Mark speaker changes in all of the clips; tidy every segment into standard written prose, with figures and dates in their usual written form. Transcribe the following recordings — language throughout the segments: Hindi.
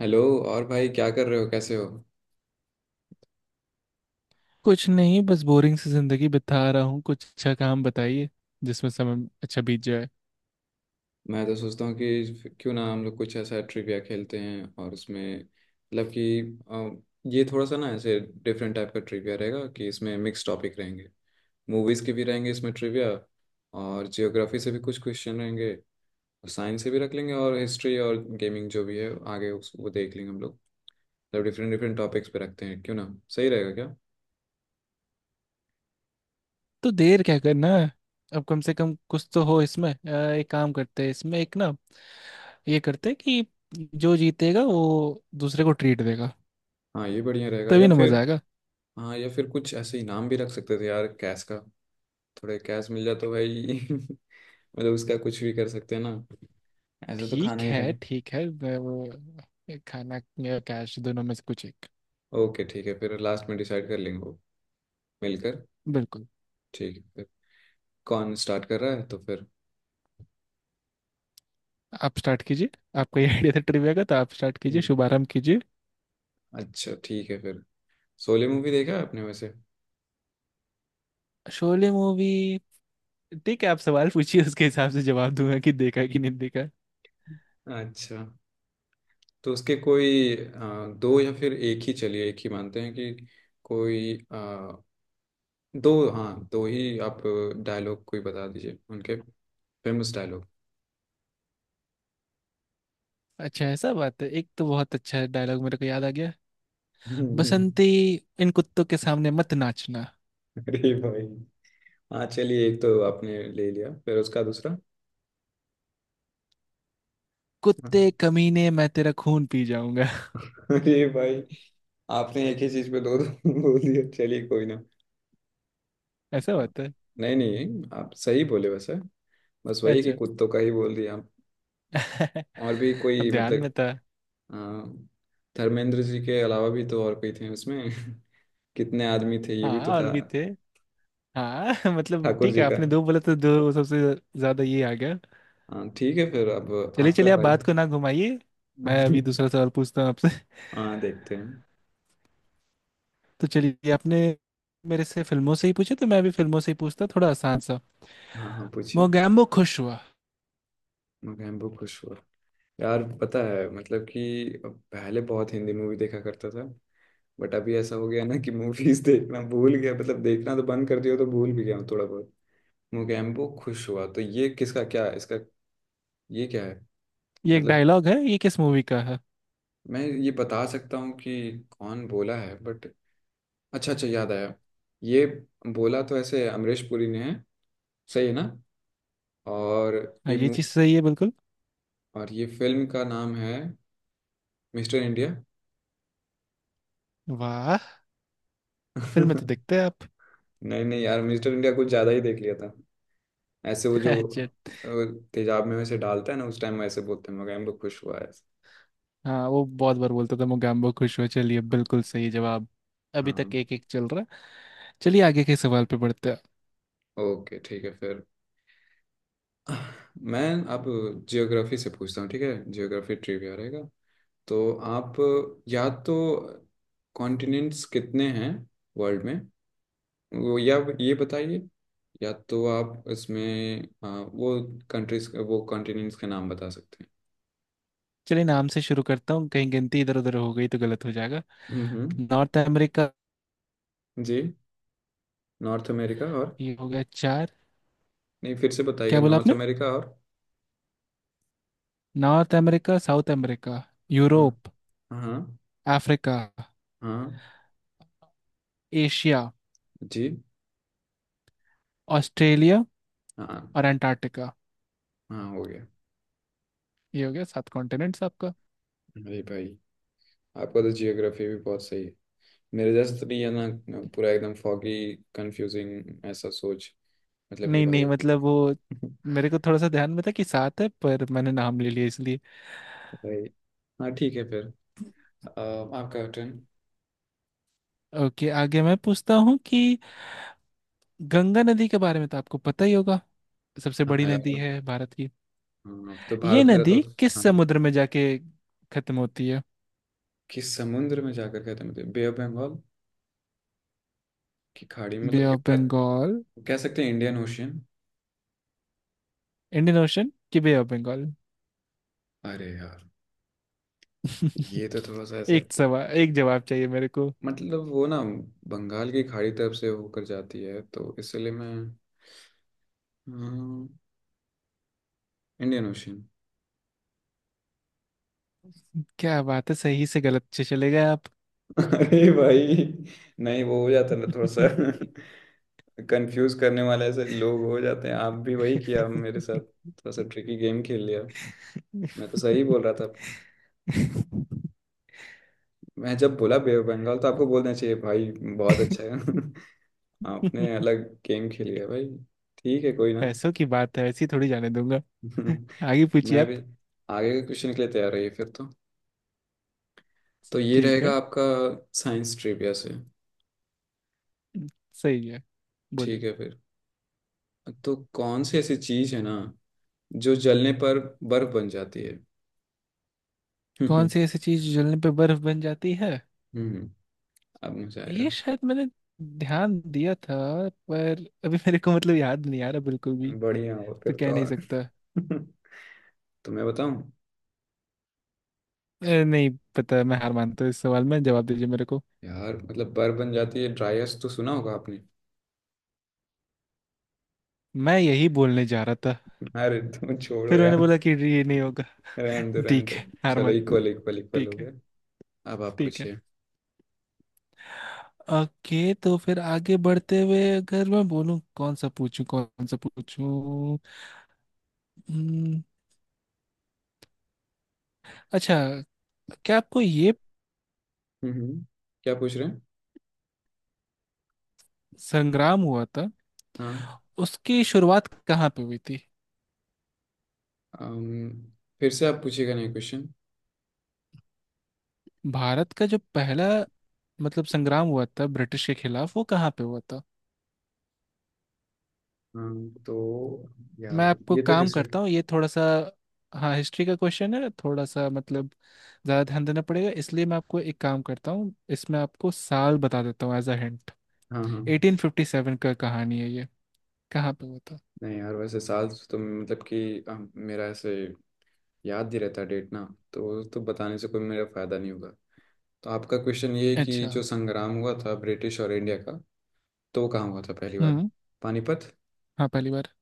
Speaker 1: हेलो। और भाई क्या कर रहे हो? कैसे हो?
Speaker 2: कुछ नहीं बस बोरिंग सी जिंदगी बिता रहा हूँ। कुछ अच्छा काम बताइए जिसमें समय अच्छा बीत जाए।
Speaker 1: मैं तो सोचता हूँ कि क्यों ना हम लोग कुछ ऐसा ट्रिविया खेलते हैं, और उसमें मतलब कि ये थोड़ा सा ना ऐसे डिफरेंट टाइप का ट्रिविया रहेगा कि इसमें मिक्स टॉपिक रहेंगे। मूवीज़ के भी रहेंगे इसमें ट्रिविया, और जियोग्राफी से भी कुछ क्वेश्चन रहेंगे। साइंस से भी रख लेंगे, और हिस्ट्री और गेमिंग जो भी है आगे उस वो देख लेंगे हम लोग। मतलब डिफरेंट डिफरेंट टॉपिक्स पे रखते हैं क्यों ना। सही रहेगा क्या?
Speaker 2: तो देर क्या करना है। अब कम से कम कुछ तो हो इसमें। एक काम करते हैं इसमें एक ना, ये करते हैं कि जो जीतेगा वो दूसरे को ट्रीट देगा।
Speaker 1: हाँ ये बढ़िया रहेगा,
Speaker 2: तभी
Speaker 1: या
Speaker 2: ना
Speaker 1: फिर।
Speaker 2: मजा आएगा।
Speaker 1: हाँ, या फिर कुछ ऐसे इनाम भी रख सकते थे यार, कैश का। थोड़े कैश मिल जाए तो भाई मतलब उसका कुछ भी कर सकते हैं ना। ऐसे तो
Speaker 2: ठीक
Speaker 1: खाना ही
Speaker 2: है
Speaker 1: खाएं।
Speaker 2: ठीक है, मैं वो एक खाना या कैश दोनों में से कुछ एक।
Speaker 1: ओके, ठीक है फिर, लास्ट में डिसाइड कर लेंगे वो मिलकर।
Speaker 2: बिल्कुल।
Speaker 1: ठीक है फिर। कौन स्टार्ट कर रहा है तो फिर?
Speaker 2: आप स्टार्ट कीजिए। आपका ये आइडिया था ट्रिविया का, तो आप स्टार्ट कीजिए,
Speaker 1: हम्म,
Speaker 2: शुभारंभ कीजिए।
Speaker 1: अच्छा ठीक है फिर। शोले मूवी देखा है आपने वैसे?
Speaker 2: शोले मूवी। ठीक है, आप सवाल पूछिए उसके हिसाब से जवाब दूंगा कि देखा है कि नहीं देखा।
Speaker 1: अच्छा। तो उसके कोई दो या फिर एक ही, चलिए एक ही मानते हैं कि कोई दो, हाँ, दो ही आप डायलॉग कोई बता दीजिए उनके, फेमस डायलॉग।
Speaker 2: अच्छा, ऐसा बात है, एक तो बहुत अच्छा डायलॉग मेरे को याद आ गया। बसंती, इन कुत्तों के सामने मत नाचना।
Speaker 1: अरे भाई। हाँ चलिए, एक तो आपने ले लिया, फिर उसका दूसरा। हाँ।
Speaker 2: कुत्ते कमीने मैं तेरा खून पी जाऊंगा।
Speaker 1: अरे भाई, आपने एक ही चीज पे दो दो बोल दिया, चलिए कोई ना।
Speaker 2: ऐसा
Speaker 1: हाँ।
Speaker 2: बात है।
Speaker 1: नहीं नहीं, आप सही बोले वैसे, बस वही कि
Speaker 2: अच्छा।
Speaker 1: कुत्तों का ही बोल दिया आप। और भी
Speaker 2: अब
Speaker 1: कोई,
Speaker 2: ध्यान में
Speaker 1: मतलब?
Speaker 2: था।
Speaker 1: अ, धर्मेंद्र जी के अलावा भी तो और कोई थे उसमें कितने आदमी थे, ये भी
Speaker 2: हाँ,
Speaker 1: तो
Speaker 2: और
Speaker 1: था।
Speaker 2: भी थे। हाँ, मतलब
Speaker 1: ठाकुर
Speaker 2: ठीक
Speaker 1: जी
Speaker 2: है,
Speaker 1: का।
Speaker 2: आपने दो बोला तो दो सबसे ज्यादा ये आ गया।
Speaker 1: हाँ ठीक है फिर। अब
Speaker 2: चलिए
Speaker 1: आपका
Speaker 2: चलिए, आप
Speaker 1: पारी।
Speaker 2: बात को ना घुमाइए। मैं अभी दूसरा सवाल पूछता हूँ आपसे।
Speaker 1: हाँ, देखते हैं।
Speaker 2: तो चलिए, आपने मेरे से फिल्मों से ही पूछे तो मैं भी फिल्मों से ही पूछता थोड़ा आसान सा।
Speaker 1: हाँ हाँ, पूछिए।
Speaker 2: मोगैम्बो खुश हुआ।
Speaker 1: मैं बहुत खुश हुआ। यार पता है मतलब कि पहले बहुत हिंदी मूवी देखा करता था, बट अभी ऐसा हो गया ना कि मूवीज देखना भूल गया। मतलब देखना तो बंद कर दिया, तो भूल भी गया हूँ थोड़ा बहुत। मोगैम्बो खुश हुआ, तो ये किसका क्या है? इसका? ये क्या है?
Speaker 2: ये एक
Speaker 1: मतलब
Speaker 2: डायलॉग है, ये किस मूवी का है।
Speaker 1: मैं ये बता सकता हूँ कि कौन बोला है, बट अच्छा अच्छा, याद आया ये। बोला तो ऐसे अमरीश पुरी ने है, सही है ना? और
Speaker 2: हाँ,
Speaker 1: ये
Speaker 2: ये
Speaker 1: मु-
Speaker 2: चीज सही है बिल्कुल।
Speaker 1: और ये फिल्म का नाम है मिस्टर इंडिया।
Speaker 2: वाह। फिल्म में तो देखते हैं आप।
Speaker 1: नहीं नहीं यार, मिस्टर इंडिया कुछ ज्यादा ही देख लिया था। ऐसे वो जो
Speaker 2: अच्छा।
Speaker 1: तेजाब में वैसे डालता है ना, उस टाइम वैसे बोलते हैं मगर, हम लोग खुश हुआ है।
Speaker 2: हाँ, वो बहुत बार बोलता था मोगैम्बो खुश हुआ। चलिए, बिल्कुल सही जवाब। अभी तक
Speaker 1: हाँ।
Speaker 2: एक एक चल रहा। चलिए, आगे के सवाल पे बढ़ते हैं।
Speaker 1: ओके ठीक है फिर। मैं अब जियोग्राफी से पूछता हूँ, ठीक है, जियोग्राफी ट्रिविया रहेगा। तो आप या तो कॉन्टिनेंट्स कितने हैं वर्ल्ड में, वो या ये बताइए, या तो आप इसमें वो कंट्रीज, वो कॉन्टिनेंट्स के नाम बता सकते हैं।
Speaker 2: चलिए, नाम से शुरू करता हूँ, कहीं गिनती इधर उधर हो गई तो गलत हो जाएगा।
Speaker 1: हम्म हम्म,
Speaker 2: नॉर्थ अमेरिका।
Speaker 1: जी। नॉर्थ अमेरिका और?
Speaker 2: ये हो गया चार।
Speaker 1: नहीं, फिर से बताइएगा।
Speaker 2: क्या बोला
Speaker 1: नॉर्थ
Speaker 2: आपने?
Speaker 1: अमेरिका और?
Speaker 2: नॉर्थ अमेरिका, साउथ अमेरिका,
Speaker 1: हाँ।
Speaker 2: यूरोप,
Speaker 1: हाँ।
Speaker 2: अफ्रीका,
Speaker 1: हाँ।
Speaker 2: एशिया,
Speaker 1: जी।
Speaker 2: ऑस्ट्रेलिया
Speaker 1: हाँ।
Speaker 2: और अंटार्कटिका।
Speaker 1: हाँ, हो गया।
Speaker 2: ये हो गया सात कॉन्टिनेंट्स आपका।
Speaker 1: अरे भाई, आपका तो जियोग्राफी भी बहुत सही है। मेरे जैसे तो नहीं है ना, पूरा एकदम फॉगी, कंफ्यूजिंग ऐसा सोच, मतलब कि
Speaker 2: नहीं नहीं,
Speaker 1: भाई
Speaker 2: मतलब वो मेरे को थोड़ा सा ध्यान में था कि सात है पर मैंने नाम ले लिया इसलिए।
Speaker 1: भाई, हाँ ठीक है फिर। अ, आपका टर्न।
Speaker 2: ओके, आगे मैं पूछता हूँ कि गंगा नदी के बारे में तो आपको पता ही होगा, सबसे
Speaker 1: हाँ
Speaker 2: बड़ी नदी
Speaker 1: यार।
Speaker 2: है भारत की।
Speaker 1: हाँ, अब तो
Speaker 2: ये
Speaker 1: भारत में रहता हूँ
Speaker 2: नदी
Speaker 1: तो-
Speaker 2: किस
Speaker 1: हाँ।
Speaker 2: समुद्र में जाके खत्म होती है?
Speaker 1: कि समुद्र में जाकर, कहते हैं मतलब बे ऑफ बंगाल की खाड़ी में,
Speaker 2: बे
Speaker 1: मतलब
Speaker 2: ऑफ
Speaker 1: कि
Speaker 2: बंगाल,
Speaker 1: कह सकते हैं इंडियन ओशियन।
Speaker 2: इंडियन ओशन कि बे ऑफ बंगाल?
Speaker 1: अरे यार, ये तो थोड़ा सा ऐसे,
Speaker 2: एक सवाल एक जवाब चाहिए मेरे को।
Speaker 1: मतलब वो ना बंगाल की खाड़ी तरफ से होकर जाती है, तो इसलिए मैं, हाँ, इंडियन ओशन।
Speaker 2: क्या बात है, सही से गलत से चले गए आप।
Speaker 1: अरे भाई। नहीं, वो हो जाता है ना थोड़ा सा कंफ्यूज करने वाले ऐसे लोग हो जाते हैं, आप भी वही किया मेरे साथ, थोड़ा सा ट्रिकी गेम खेल लिया। मैं तो सही बोल रहा था। मैं जब बोला बे ऑफ बंगाल तो आपको बोलना चाहिए भाई, बहुत अच्छा है। आपने अलग गेम खेल लिया भाई। ठीक है, कोई ना
Speaker 2: पैसों की बात है, ऐसी थोड़ी जाने दूंगा। आगे पूछिए
Speaker 1: मैं
Speaker 2: आप।
Speaker 1: भी आगे के क्वेश्चन के लिए तैयार रहिए फिर तो ये
Speaker 2: ठीक
Speaker 1: रहेगा
Speaker 2: है।
Speaker 1: आपका, साइंस ट्रिविया से।
Speaker 2: सही है।
Speaker 1: ठीक
Speaker 2: बोलिए।
Speaker 1: है फिर। तो कौन सी ऐसी चीज है ना जो जलने पर बर्फ बन जाती है?
Speaker 2: कौन सी ऐसी चीज जलने पे बर्फ बन जाती है?
Speaker 1: हम्म अब मजा आएगा।
Speaker 2: ये शायद मैंने ध्यान दिया था पर अभी मेरे को मतलब याद नहीं आ रहा बिल्कुल भी।
Speaker 1: बढ़िया हो
Speaker 2: तो
Speaker 1: फिर तो,
Speaker 2: कह नहीं
Speaker 1: और
Speaker 2: सकता।
Speaker 1: तो मैं बताऊं?
Speaker 2: नहीं पता, मैं हार मानता हूँ इस सवाल में, जवाब दीजिए मेरे को।
Speaker 1: यार मतलब बर्फ बन जाती है, ड्राइस तो सुना होगा आपने।
Speaker 2: मैं यही बोलने जा रहा था,
Speaker 1: अरे तुम छोड़ो
Speaker 2: फिर मैंने
Speaker 1: यार,
Speaker 2: बोला कि ये नहीं होगा।
Speaker 1: रहने दो रहने
Speaker 2: ठीक
Speaker 1: दो।
Speaker 2: है हार
Speaker 1: चलो,
Speaker 2: मान।
Speaker 1: इक्वल इक्वल इक्वल हो
Speaker 2: ठीक है।
Speaker 1: गया। अब आप
Speaker 2: ठीक है।
Speaker 1: पूछिए।
Speaker 2: ओके, तो फिर आगे बढ़ते हुए अगर मैं बोलूं, कौन सा पूछूं कौन सा पूछूं। हम्म, अच्छा। क्या आपको ये
Speaker 1: हम्म, क्या पूछ रहे हैं?
Speaker 2: संग्राम हुआ था,
Speaker 1: हाँ।
Speaker 2: उसकी शुरुआत कहाँ पे हुई थी?
Speaker 1: अम, फिर से आप पूछिएगा नहीं क्वेश्चन?
Speaker 2: भारत का जो पहला मतलब संग्राम हुआ था ब्रिटिश के खिलाफ वो कहाँ पे हुआ था?
Speaker 1: हाँ। तो
Speaker 2: मैं
Speaker 1: यार,
Speaker 2: आपको
Speaker 1: ये तो
Speaker 2: काम
Speaker 1: हिस्ट्री।
Speaker 2: करता हूँ ये थोड़ा सा। हाँ हिस्ट्री का क्वेश्चन है थोड़ा सा, मतलब ज़्यादा ध्यान देना पड़ेगा, इसलिए मैं आपको एक काम करता हूँ इसमें, आपको साल बता देता हूँ एज अ हिंट।
Speaker 1: हाँ, हाँ।
Speaker 2: 1857 का कहानी है ये, कहाँ पे होता?
Speaker 1: नहीं यार, वैसे साल तो मतलब कि मेरा ऐसे याद ही रहता है डेट ना, तो बताने से कोई मेरा फायदा नहीं होगा। तो आपका क्वेश्चन ये है कि
Speaker 2: अच्छा।
Speaker 1: जो संग्राम हुआ था ब्रिटिश और इंडिया का, तो वो कहाँ हुआ था पहली बार?
Speaker 2: हम्म।
Speaker 1: पानीपत।
Speaker 2: हाँ पहली बार।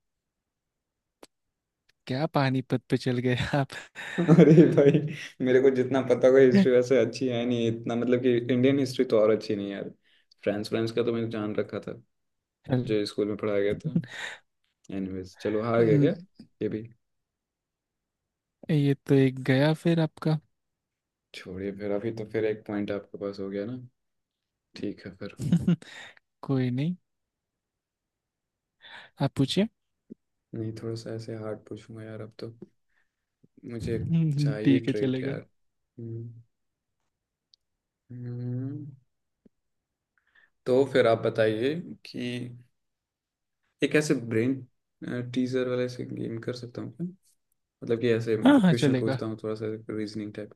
Speaker 2: क्या पानीपत पे चल गए आप?
Speaker 1: अरे भाई, मेरे को जितना पता होगा, हिस्ट्री वैसे अच्छी है नहीं इतना, मतलब कि इंडियन हिस्ट्री तो और अच्छी नहीं है यार। फ्रांस फ्रांस का तो मैंने जान रखा था,
Speaker 2: चल,
Speaker 1: जो स्कूल में पढ़ाया गया था। एनीवेज, चलो हार गया क्या
Speaker 2: न-,
Speaker 1: ये भी?
Speaker 2: ये तो एक गया फिर आपका।
Speaker 1: छोड़िए फिर, अभी तो फिर एक पॉइंट आपके पास हो गया ना। ठीक है फिर।
Speaker 2: कोई नहीं, आप पूछिए।
Speaker 1: नहीं, थोड़ा सा ऐसे हार्ड पूछूंगा यार अब तो, मुझे चाहिए
Speaker 2: ठीक है
Speaker 1: ट्रेड यार।
Speaker 2: चलेगा।
Speaker 1: हम्म, हम्म। तो फिर आप बताइए कि एक ऐसे ब्रेन टीजर वाला ऐसे गेम कर सकता हूँ क्या? मतलब कि ऐसे,
Speaker 2: हाँ
Speaker 1: मतलब
Speaker 2: हाँ
Speaker 1: क्वेश्चन
Speaker 2: चलेगा।
Speaker 1: पूछता हूँ थोड़ा सा, रीजनिंग टाइप।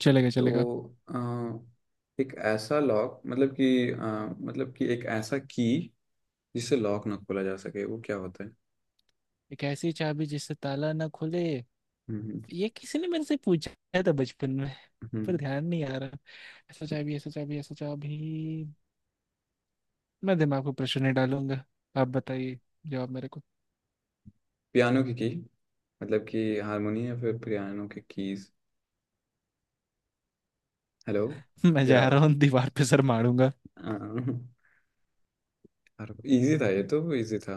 Speaker 2: चलेगा
Speaker 1: तो
Speaker 2: चलेगा।
Speaker 1: अ, एक ऐसा लॉक, मतलब कि मतलब कि एक ऐसा की जिससे लॉक ना खोला जा सके, वो क्या होता है?
Speaker 2: एक ऐसी चाबी जिससे ताला ना खुले?
Speaker 1: हम्म
Speaker 2: ये किसी ने मेरे से पूछा था बचपन में पर
Speaker 1: हम्म
Speaker 2: ध्यान नहीं आ रहा। ऐसा चाबी ऐसा चाबी ऐसा चाबी, मैं दिमाग को प्रश्न नहीं डालूंगा। आप बताइए जवाब मेरे को।
Speaker 1: पियानो की, मतलब कि हारमोनी, या फिर पियानो के कीज। हेलो?
Speaker 2: मैं
Speaker 1: या,
Speaker 2: जा रहा हूँ दीवार पे सर मारूंगा।
Speaker 1: अरे इजी था, ये तो इजी था।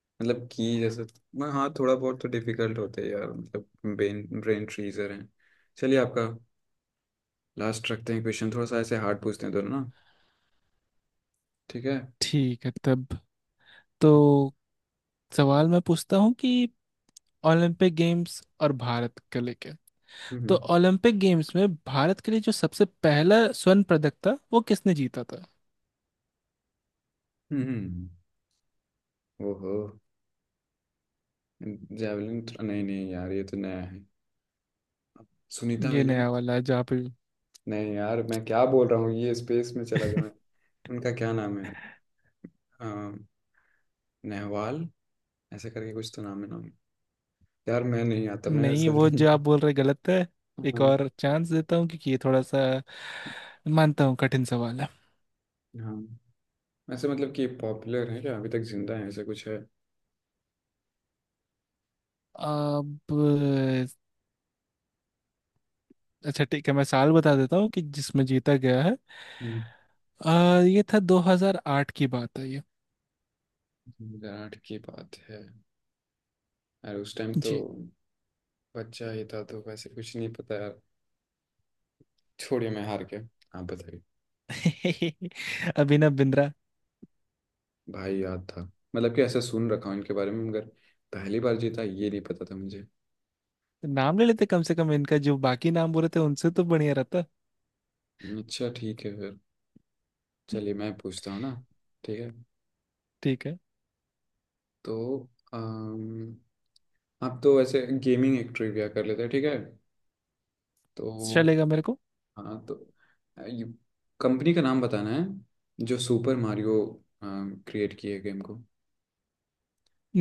Speaker 1: मतलब की जैसे, मैं, हाँ, थोड़ा बहुत तो डिफिकल्ट होते हैं यार, मतलब ब्रेन ब्रेन फ्रीजर हैं। चलिए आपका लास्ट रखते हैं क्वेश्चन, थोड़ा सा ऐसे हार्ड पूछते हैं दोनों ना। ठीक है। हम्म।
Speaker 2: ठीक है तब, तो सवाल मैं पूछता हूँ कि ओलंपिक गेम्स और भारत के लेके, तो
Speaker 1: हम्म
Speaker 2: ओलंपिक गेम्स में भारत के लिए जो सबसे पहला स्वर्ण पदक था वो किसने जीता था?
Speaker 1: हम्म, हम्म। ओहो। जैवलिन? नहीं नहीं यार, ये तो नया है। सुनीता
Speaker 2: ये नया
Speaker 1: विलियम्स।
Speaker 2: वाला है जो आप।
Speaker 1: नहीं यार, मैं क्या बोल रहा हूँ, ये स्पेस में चला गया मैं। उनका क्या नाम है? अ, नेहवाल, ऐसे करके कुछ तो नाम है, नाम। यार मैं नहीं आता, मैं
Speaker 2: नहीं,
Speaker 1: सच
Speaker 2: वो जो आप
Speaker 1: में-।
Speaker 2: बोल रहे गलत है। एक
Speaker 1: हाँ।
Speaker 2: और चांस देता हूँ क्योंकि ये थोड़ा सा मानता हूँ कठिन सवाल है।
Speaker 1: हाँ, ऐसे मतलब कि पॉपुलर है क्या, अभी तक जिंदा है, ऐसा कुछ है?
Speaker 2: अब अच्छा ठीक है, मैं साल बता देता हूँ कि जिसमें जीता गया है।
Speaker 1: हम्म,
Speaker 2: ये था 2008 की बात है ये।
Speaker 1: 2008 की बात है? यार उस टाइम तो
Speaker 2: जी।
Speaker 1: बच्चा ही था, तो वैसे कुछ नहीं पता यार। छोड़िए, मैं हार के, आप बताइए।
Speaker 2: अभिनव बिंद्रा।
Speaker 1: भाई, याद था, मतलब कि ऐसा सुन रखा हूँ इनके बारे में, मगर पहली बार जीता, ये नहीं पता था मुझे।
Speaker 2: नाम ले लेते कम से कम, इनका जो बाकी नाम बोले थे उनसे तो बढ़िया रहता।
Speaker 1: अच्छा ठीक है फिर। चलिए, मैं पूछता हूँ ना। ठीक है।
Speaker 2: ठीक है,
Speaker 1: तो अम, आप तो ऐसे गेमिंग एक ट्रिविया कर लेते हैं, ठीक है तो।
Speaker 2: चलेगा मेरे को।
Speaker 1: हाँ, तो ये कंपनी का नाम बताना है जो सुपर मारियो क्रिएट किए, गेम को।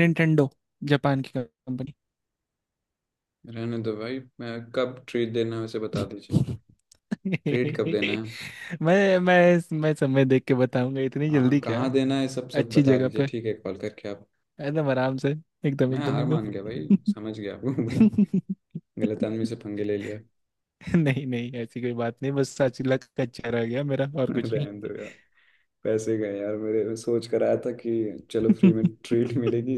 Speaker 2: निंटेंडो, जापान की कंपनी।
Speaker 1: रहने दो भाई, मैं, कब ट्रीट देना है उसे बता दीजिए। ट्रीट कब देना है?
Speaker 2: मैं समय देख के बताऊंगा, इतनी
Speaker 1: हाँ,
Speaker 2: जल्दी क्या
Speaker 1: कहाँ
Speaker 2: है।
Speaker 1: देना है, सब सब
Speaker 2: अच्छी
Speaker 1: बता
Speaker 2: जगह
Speaker 1: दीजिए,
Speaker 2: पे,
Speaker 1: ठीक है, कॉल करके आप।
Speaker 2: एकदम आराम से, एकदम
Speaker 1: मैं
Speaker 2: एकदम
Speaker 1: हार
Speaker 2: एकदम।
Speaker 1: मान गया भाई, समझ गया आपको भाई, गलत आदमी से पंगे ले लिया।
Speaker 2: नहीं नहीं ऐसी कोई बात नहीं, बस सच लग कच्चा रह गया मेरा और कुछ नहीं।
Speaker 1: रहने दो यार। पैसे गए यार मेरे, मैं सोच कर आया था कि चलो फ्री में ट्रीट मिलेगी,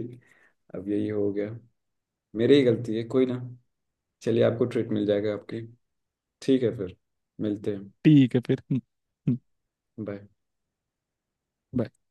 Speaker 1: अब यही हो गया। मेरी ही गलती है, कोई ना। चलिए, आपको ट्रीट मिल जाएगा आपकी। ठीक है फिर, मिलते हैं।
Speaker 2: ठीक है फिर।
Speaker 1: झाल झाल।
Speaker 2: बाय।